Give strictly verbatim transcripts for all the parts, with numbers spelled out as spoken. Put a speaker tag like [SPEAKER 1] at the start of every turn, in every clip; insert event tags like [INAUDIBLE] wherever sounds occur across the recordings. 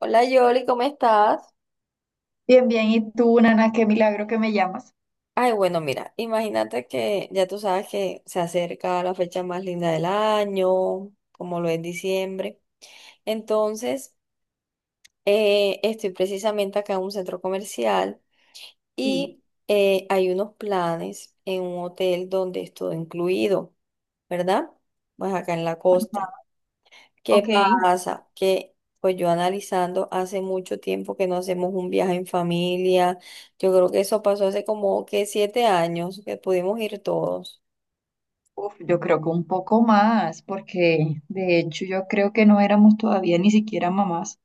[SPEAKER 1] Hola Yoli, ¿cómo estás?
[SPEAKER 2] Bien, bien. ¿Y tú, Nana? Qué milagro que me llamas.
[SPEAKER 1] Ay, bueno, mira, imagínate que ya tú sabes que se acerca la fecha más linda del año, como lo es diciembre. Entonces, eh, estoy precisamente acá en un centro comercial
[SPEAKER 2] Sí.
[SPEAKER 1] y eh, hay unos planes en un hotel donde es todo incluido, ¿verdad? Pues acá en la costa. ¿Qué
[SPEAKER 2] Ok.
[SPEAKER 1] pasa? Que pues yo analizando hace mucho tiempo que no hacemos un viaje en familia. Yo creo que eso pasó hace como que siete años que pudimos ir todos.
[SPEAKER 2] Uf, yo creo que un poco más, porque de hecho yo creo que no éramos todavía ni siquiera mamás.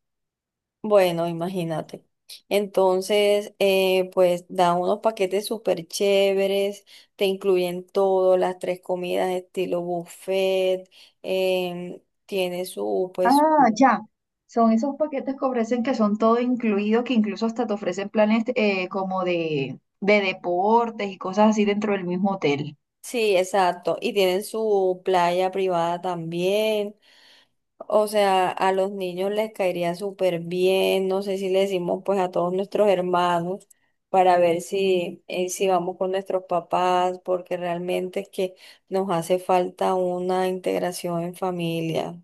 [SPEAKER 1] Bueno, imagínate. Entonces, eh, pues dan unos paquetes súper chéveres, te incluyen todo, las tres comidas estilo buffet, em, tiene su, pues,
[SPEAKER 2] Ah, ya. Son esos paquetes que ofrecen que son todo incluido, que incluso hasta te ofrecen planes eh, como de, de deportes y cosas así dentro del mismo hotel.
[SPEAKER 1] sí, exacto, y tienen su playa privada también. O sea, a los niños les caería súper bien, no sé si le decimos pues a todos nuestros hermanos para ver si, eh, si vamos con nuestros papás, porque realmente es que nos hace falta una integración en familia.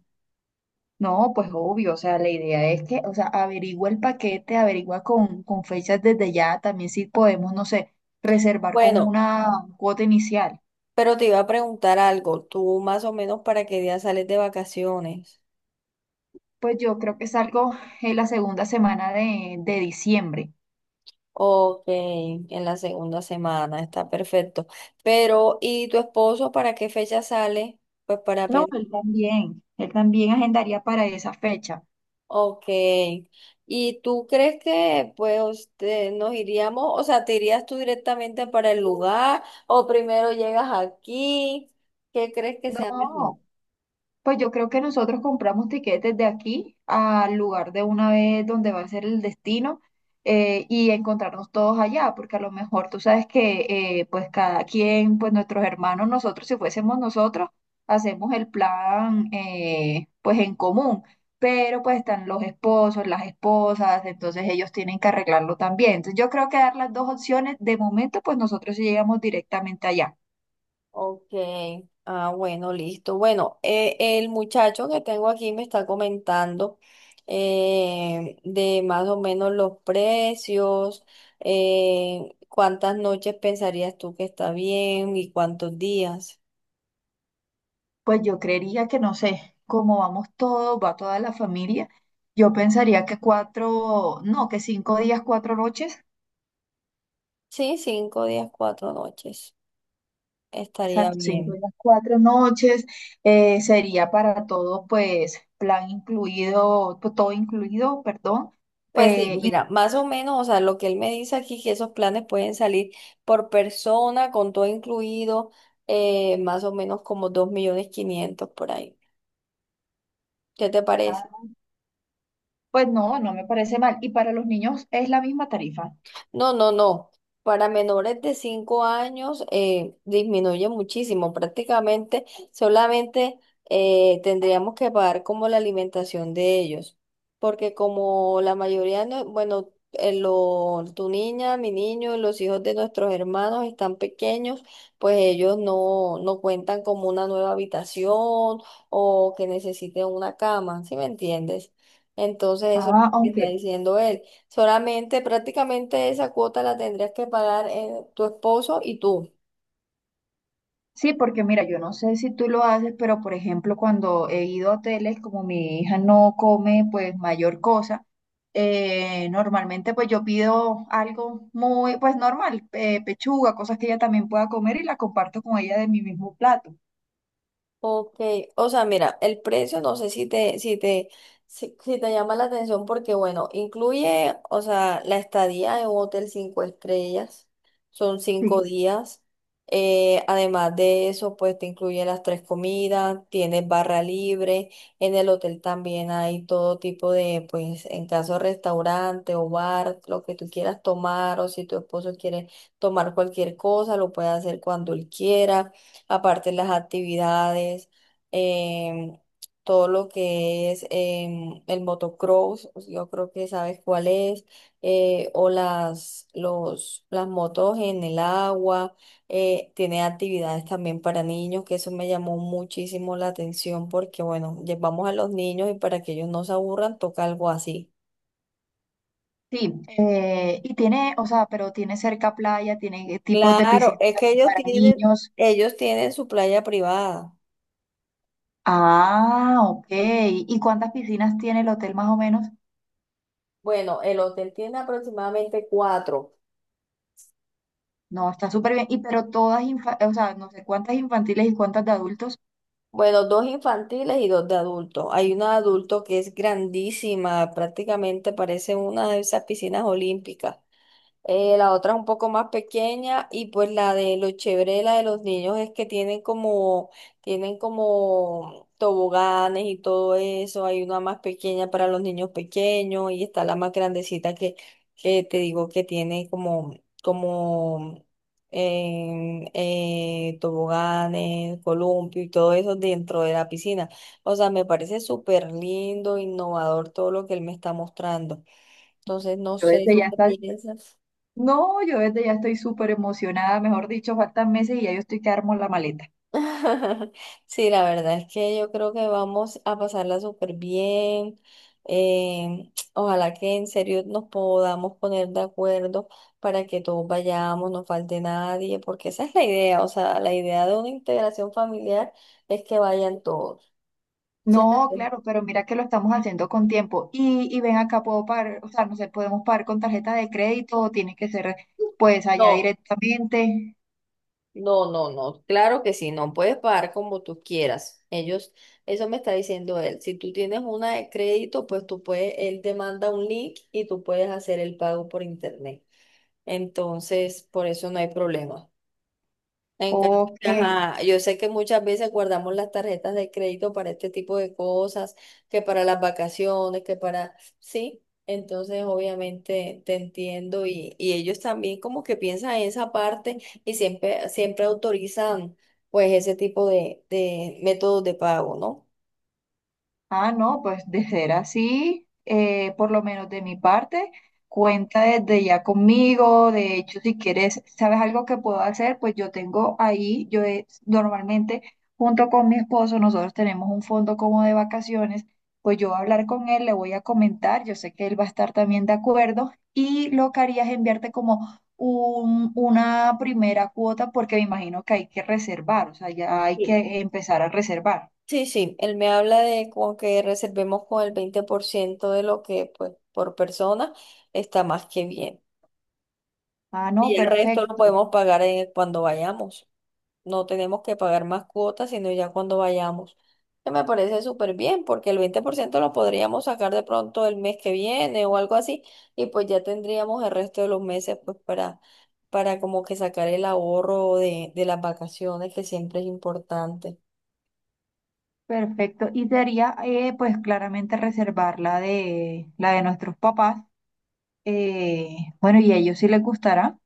[SPEAKER 2] No, pues obvio, o sea, la idea es que, o sea, averigua el paquete, averigua con, con fechas desde ya, también si podemos, no sé, reservar con
[SPEAKER 1] Bueno,
[SPEAKER 2] una cuota inicial.
[SPEAKER 1] pero te iba a preguntar algo, ¿tú más o menos para qué día sales de vacaciones?
[SPEAKER 2] Pues yo creo que salgo en la segunda semana de, de diciembre.
[SPEAKER 1] Ok, en la segunda semana, está perfecto. Pero, ¿y tu esposo para qué fecha sale? Pues para
[SPEAKER 2] No, él
[SPEAKER 1] pensar.
[SPEAKER 2] también, él también agendaría para esa fecha.
[SPEAKER 1] Ok. ¿Y tú crees que pues te- nos iríamos, o sea, te irías tú directamente para el lugar o primero llegas aquí? ¿Qué crees que sea mejor?
[SPEAKER 2] No, pues yo creo que nosotros compramos tiquetes de aquí al lugar de una vez donde va a ser el destino, eh, y encontrarnos todos allá, porque a lo mejor tú sabes que eh, pues cada quien, pues nuestros hermanos, nosotros, si fuésemos nosotros, hacemos el plan eh, pues en común, pero pues están los esposos, las esposas, entonces ellos tienen que arreglarlo también. Entonces yo creo que dar las dos opciones, de momento pues nosotros sí llegamos directamente allá.
[SPEAKER 1] Ok. Ah, bueno, listo. Bueno, eh, el muchacho que tengo aquí me está comentando eh, de más o menos los precios, eh, cuántas noches pensarías tú que está bien y cuántos días.
[SPEAKER 2] Pues yo creería que no sé, como vamos todos, va toda la familia, yo pensaría que cuatro, no, que cinco días, cuatro noches,
[SPEAKER 1] Sí, cinco días, cuatro noches. Estaría
[SPEAKER 2] exacto, cinco
[SPEAKER 1] bien.
[SPEAKER 2] días, cuatro noches, eh, sería para todo, pues, plan incluido, to- todo incluido, perdón,
[SPEAKER 1] Pues
[SPEAKER 2] eh,
[SPEAKER 1] sí,
[SPEAKER 2] y,
[SPEAKER 1] mira, más o menos, o sea, lo que él me dice aquí, que esos planes pueden salir por persona, con todo incluido, eh, más o menos como dos millones quinientos por ahí. ¿Qué te parece?
[SPEAKER 2] ah, pues no, no me parece mal, y para los niños es la misma tarifa,
[SPEAKER 1] No, no, no. Para menores de cinco años eh, disminuye muchísimo. Prácticamente solamente eh, tendríamos que pagar como la alimentación de ellos. Porque como la mayoría, no, bueno, eh, lo- tu niña, mi niño, los hijos de nuestros hermanos están pequeños, pues ellos no, no cuentan como una nueva habitación o que necesiten una cama, ¿sí me entiendes? Entonces eso es lo
[SPEAKER 2] ah,
[SPEAKER 1] que está
[SPEAKER 2] aunque
[SPEAKER 1] diciendo él. Solamente prácticamente esa cuota la tendrías que pagar eh, tu esposo y tú.
[SPEAKER 2] sí, porque mira, yo no sé si tú lo haces, pero por ejemplo, cuando he ido a hoteles, como mi hija no come, pues mayor cosa, eh, normalmente pues yo pido algo muy, pues normal, eh, pechuga, cosas que ella también pueda comer y la comparto con ella de mi mismo plato.
[SPEAKER 1] Ok, o sea, mira, el precio no sé si te, si te, si, si te llama la atención porque, bueno, incluye, o sea, la estadía en un hotel cinco estrellas, son cinco
[SPEAKER 2] Sí.
[SPEAKER 1] días. Eh, además de eso, pues te incluye las tres comidas, tienes barra libre, en el hotel también hay todo tipo de, pues, en caso de restaurante o bar, lo que tú quieras tomar, o si tu esposo quiere tomar cualquier cosa, lo puede hacer cuando él quiera. Aparte las actividades, em, todo lo que es em, el motocross, yo creo que sabes cuál es, eh, o las, los, las motos en el agua, eh, tiene actividades también para niños, que eso me llamó muchísimo la atención porque, bueno, llevamos a los niños y para que ellos no se aburran, toca algo así.
[SPEAKER 2] Sí, eh, y tiene, o sea, pero tiene cerca playa, tiene tipos de
[SPEAKER 1] Claro,
[SPEAKER 2] piscinas
[SPEAKER 1] es que
[SPEAKER 2] también
[SPEAKER 1] ellos
[SPEAKER 2] para
[SPEAKER 1] tienen,
[SPEAKER 2] niños.
[SPEAKER 1] ellos tienen su playa privada.
[SPEAKER 2] Ah, ok. ¿Y cuántas piscinas tiene el hotel más o menos?
[SPEAKER 1] Bueno, el hotel tiene aproximadamente cuatro.
[SPEAKER 2] No, está súper bien. Y pero todas, infa- o sea, no sé cuántas infantiles y cuántas de adultos.
[SPEAKER 1] Bueno, dos infantiles y dos de adultos. Hay una de adulto que es grandísima, prácticamente parece una de esas piscinas olímpicas. Eh, la otra es un poco más pequeña y pues la de lo chévere de la de los niños es que tienen como, tienen como toboganes y todo eso. Hay una más pequeña para los niños pequeños y está la más grandecita que, que te digo que tiene como, como em, eh, toboganes, columpio y todo eso dentro de la piscina. O sea, me parece súper lindo, innovador todo lo que él me está mostrando. Entonces, no
[SPEAKER 2] Yo
[SPEAKER 1] sé,
[SPEAKER 2] desde
[SPEAKER 1] ¿tú
[SPEAKER 2] ya
[SPEAKER 1] qué
[SPEAKER 2] está,
[SPEAKER 1] piensas?
[SPEAKER 2] no, yo desde ya estoy súper emocionada, mejor dicho, faltan meses y ya yo estoy que armo la maleta.
[SPEAKER 1] [LAUGHS] Sí, la verdad es que yo creo que vamos a pasarla súper bien. Eh, ojalá que en serio nos podamos poner de acuerdo para que todos vayamos, no falte nadie, porque esa es la idea. O sea, la idea de una integración familiar es que vayan todos, ¿cierto?
[SPEAKER 2] No, claro, pero mira que lo estamos haciendo con tiempo. Y, y ven acá, puedo pagar, o sea, no sé, podemos pagar con tarjeta de crédito o tiene que ser pues allá
[SPEAKER 1] No.
[SPEAKER 2] directamente.
[SPEAKER 1] No, no, no, claro que sí, no puedes pagar como tú quieras. Ellos, eso me está diciendo él. Si tú tienes una de crédito, pues tú puedes, él te manda un link y tú puedes hacer el pago por internet. Entonces, por eso no hay problema. En cambio,
[SPEAKER 2] Ok.
[SPEAKER 1] ajá, yo sé que muchas veces guardamos las tarjetas de crédito para este tipo de cosas, que para las vacaciones, que para, sí, entonces obviamente te entiendo y, y ellos también como que piensan en esa parte y siempre, siempre autorizan pues ese tipo de, de métodos de pago, ¿no?
[SPEAKER 2] Ah, no, pues de ser así, eh, por lo menos de mi parte, cuenta desde ya conmigo. De hecho, si quieres, ¿sabes algo que puedo hacer? Pues yo tengo ahí, yo he- normalmente junto con mi esposo, nosotros tenemos un fondo como de vacaciones. Pues yo voy a hablar con él, le voy a comentar, yo sé que él va a estar también de acuerdo y lo que haría es enviarte como un- una primera cuota porque me imagino que hay que reservar, o sea, ya hay
[SPEAKER 1] Sí.
[SPEAKER 2] que empezar a reservar.
[SPEAKER 1] Sí, sí, él me habla de como que reservemos con el veinte por ciento de lo que pues por persona está más que bien.
[SPEAKER 2] Ah, no,
[SPEAKER 1] Y el resto lo
[SPEAKER 2] perfecto.
[SPEAKER 1] podemos pagar eh, cuando vayamos. No tenemos que pagar más cuotas, sino ya cuando vayamos. Que me parece súper bien, porque el veinte por ciento lo podríamos sacar de pronto el mes que viene o algo así, y pues ya tendríamos el resto de los meses pues para, para como que sacar el ahorro de, de las vacaciones, que siempre es importante.
[SPEAKER 2] Perfecto. Y sería, eh, pues claramente reservar la de, la de nuestros papás. Eh, bueno, y a ellos sí les gustará.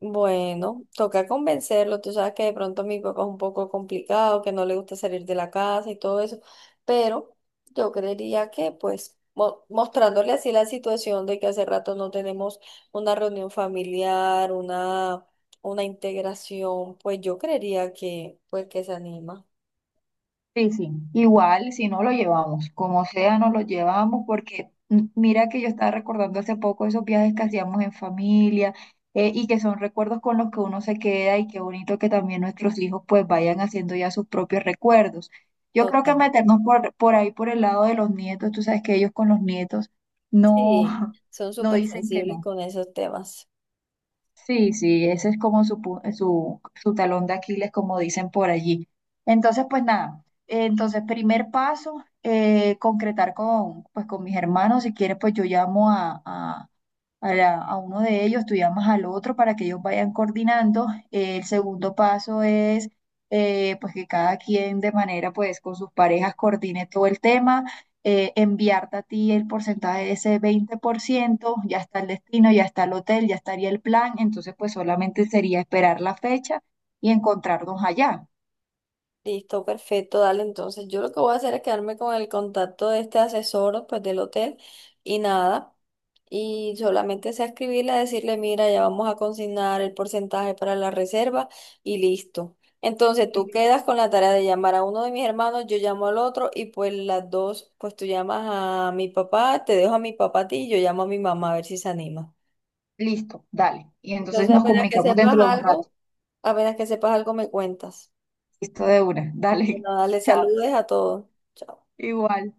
[SPEAKER 1] Bueno, toca convencerlo. Tú sabes que de pronto mi papá es un poco complicado, que no le gusta salir de la casa y todo eso, pero yo creería que pues mo- mostrándole así la situación de que hace rato no tenemos una reunión familiar, una, una integración, pues yo creería que pues que se anima.
[SPEAKER 2] Sí, sí. Igual, si no lo llevamos, como sea, no lo llevamos porque mm, mira que yo estaba recordando hace poco esos viajes que hacíamos en familia, eh, y que son recuerdos con los que uno se queda y qué bonito que también nuestros hijos pues vayan haciendo ya sus propios recuerdos. Yo creo que
[SPEAKER 1] Total.
[SPEAKER 2] meternos por, por ahí, por el lado de los nietos, tú sabes que ellos con los nietos no,
[SPEAKER 1] Sí,
[SPEAKER 2] [LAUGHS]
[SPEAKER 1] son
[SPEAKER 2] no
[SPEAKER 1] súper
[SPEAKER 2] dicen que
[SPEAKER 1] sensibles
[SPEAKER 2] no.
[SPEAKER 1] con esos temas.
[SPEAKER 2] Sí, sí, ese es como su, pu- su, su talón de Aquiles, como dicen por allí. Entonces, pues nada, entonces primer paso, eh, concretar con, pues, con mis hermanos, si quieres, pues yo llamo a, a- a, la- a uno de ellos, tú llamas al otro para que ellos vayan coordinando. Eh, el segundo paso es eh, pues que cada quien de manera pues con sus parejas coordine todo el tema, eh, enviarte a ti el porcentaje de ese veinte por ciento, ya está el destino, ya está el hotel, ya estaría el plan, entonces pues solamente sería esperar la fecha y encontrarnos allá.
[SPEAKER 1] Listo, perfecto, dale. Entonces, yo lo que voy a hacer es quedarme con el contacto de este asesor, pues del hotel y nada. Y solamente sea escribirle, decirle, mira, ya vamos a consignar el porcentaje para la reserva y listo. Entonces, tú
[SPEAKER 2] Sí.
[SPEAKER 1] quedas con la tarea de llamar a uno de mis hermanos, yo llamo al otro y pues las dos, pues tú llamas a mi papá, te dejo a mi papá a ti y yo llamo a mi mamá a ver si se anima.
[SPEAKER 2] Listo, dale. Y entonces
[SPEAKER 1] Entonces,
[SPEAKER 2] nos
[SPEAKER 1] apenas que
[SPEAKER 2] comunicamos
[SPEAKER 1] sepas
[SPEAKER 2] dentro de un rato.
[SPEAKER 1] algo, apenas que sepas algo me cuentas.
[SPEAKER 2] Listo de una,
[SPEAKER 1] Y que
[SPEAKER 2] dale.
[SPEAKER 1] nada, le
[SPEAKER 2] [LAUGHS] Chao.
[SPEAKER 1] saludes a todos. Chao.
[SPEAKER 2] Igual.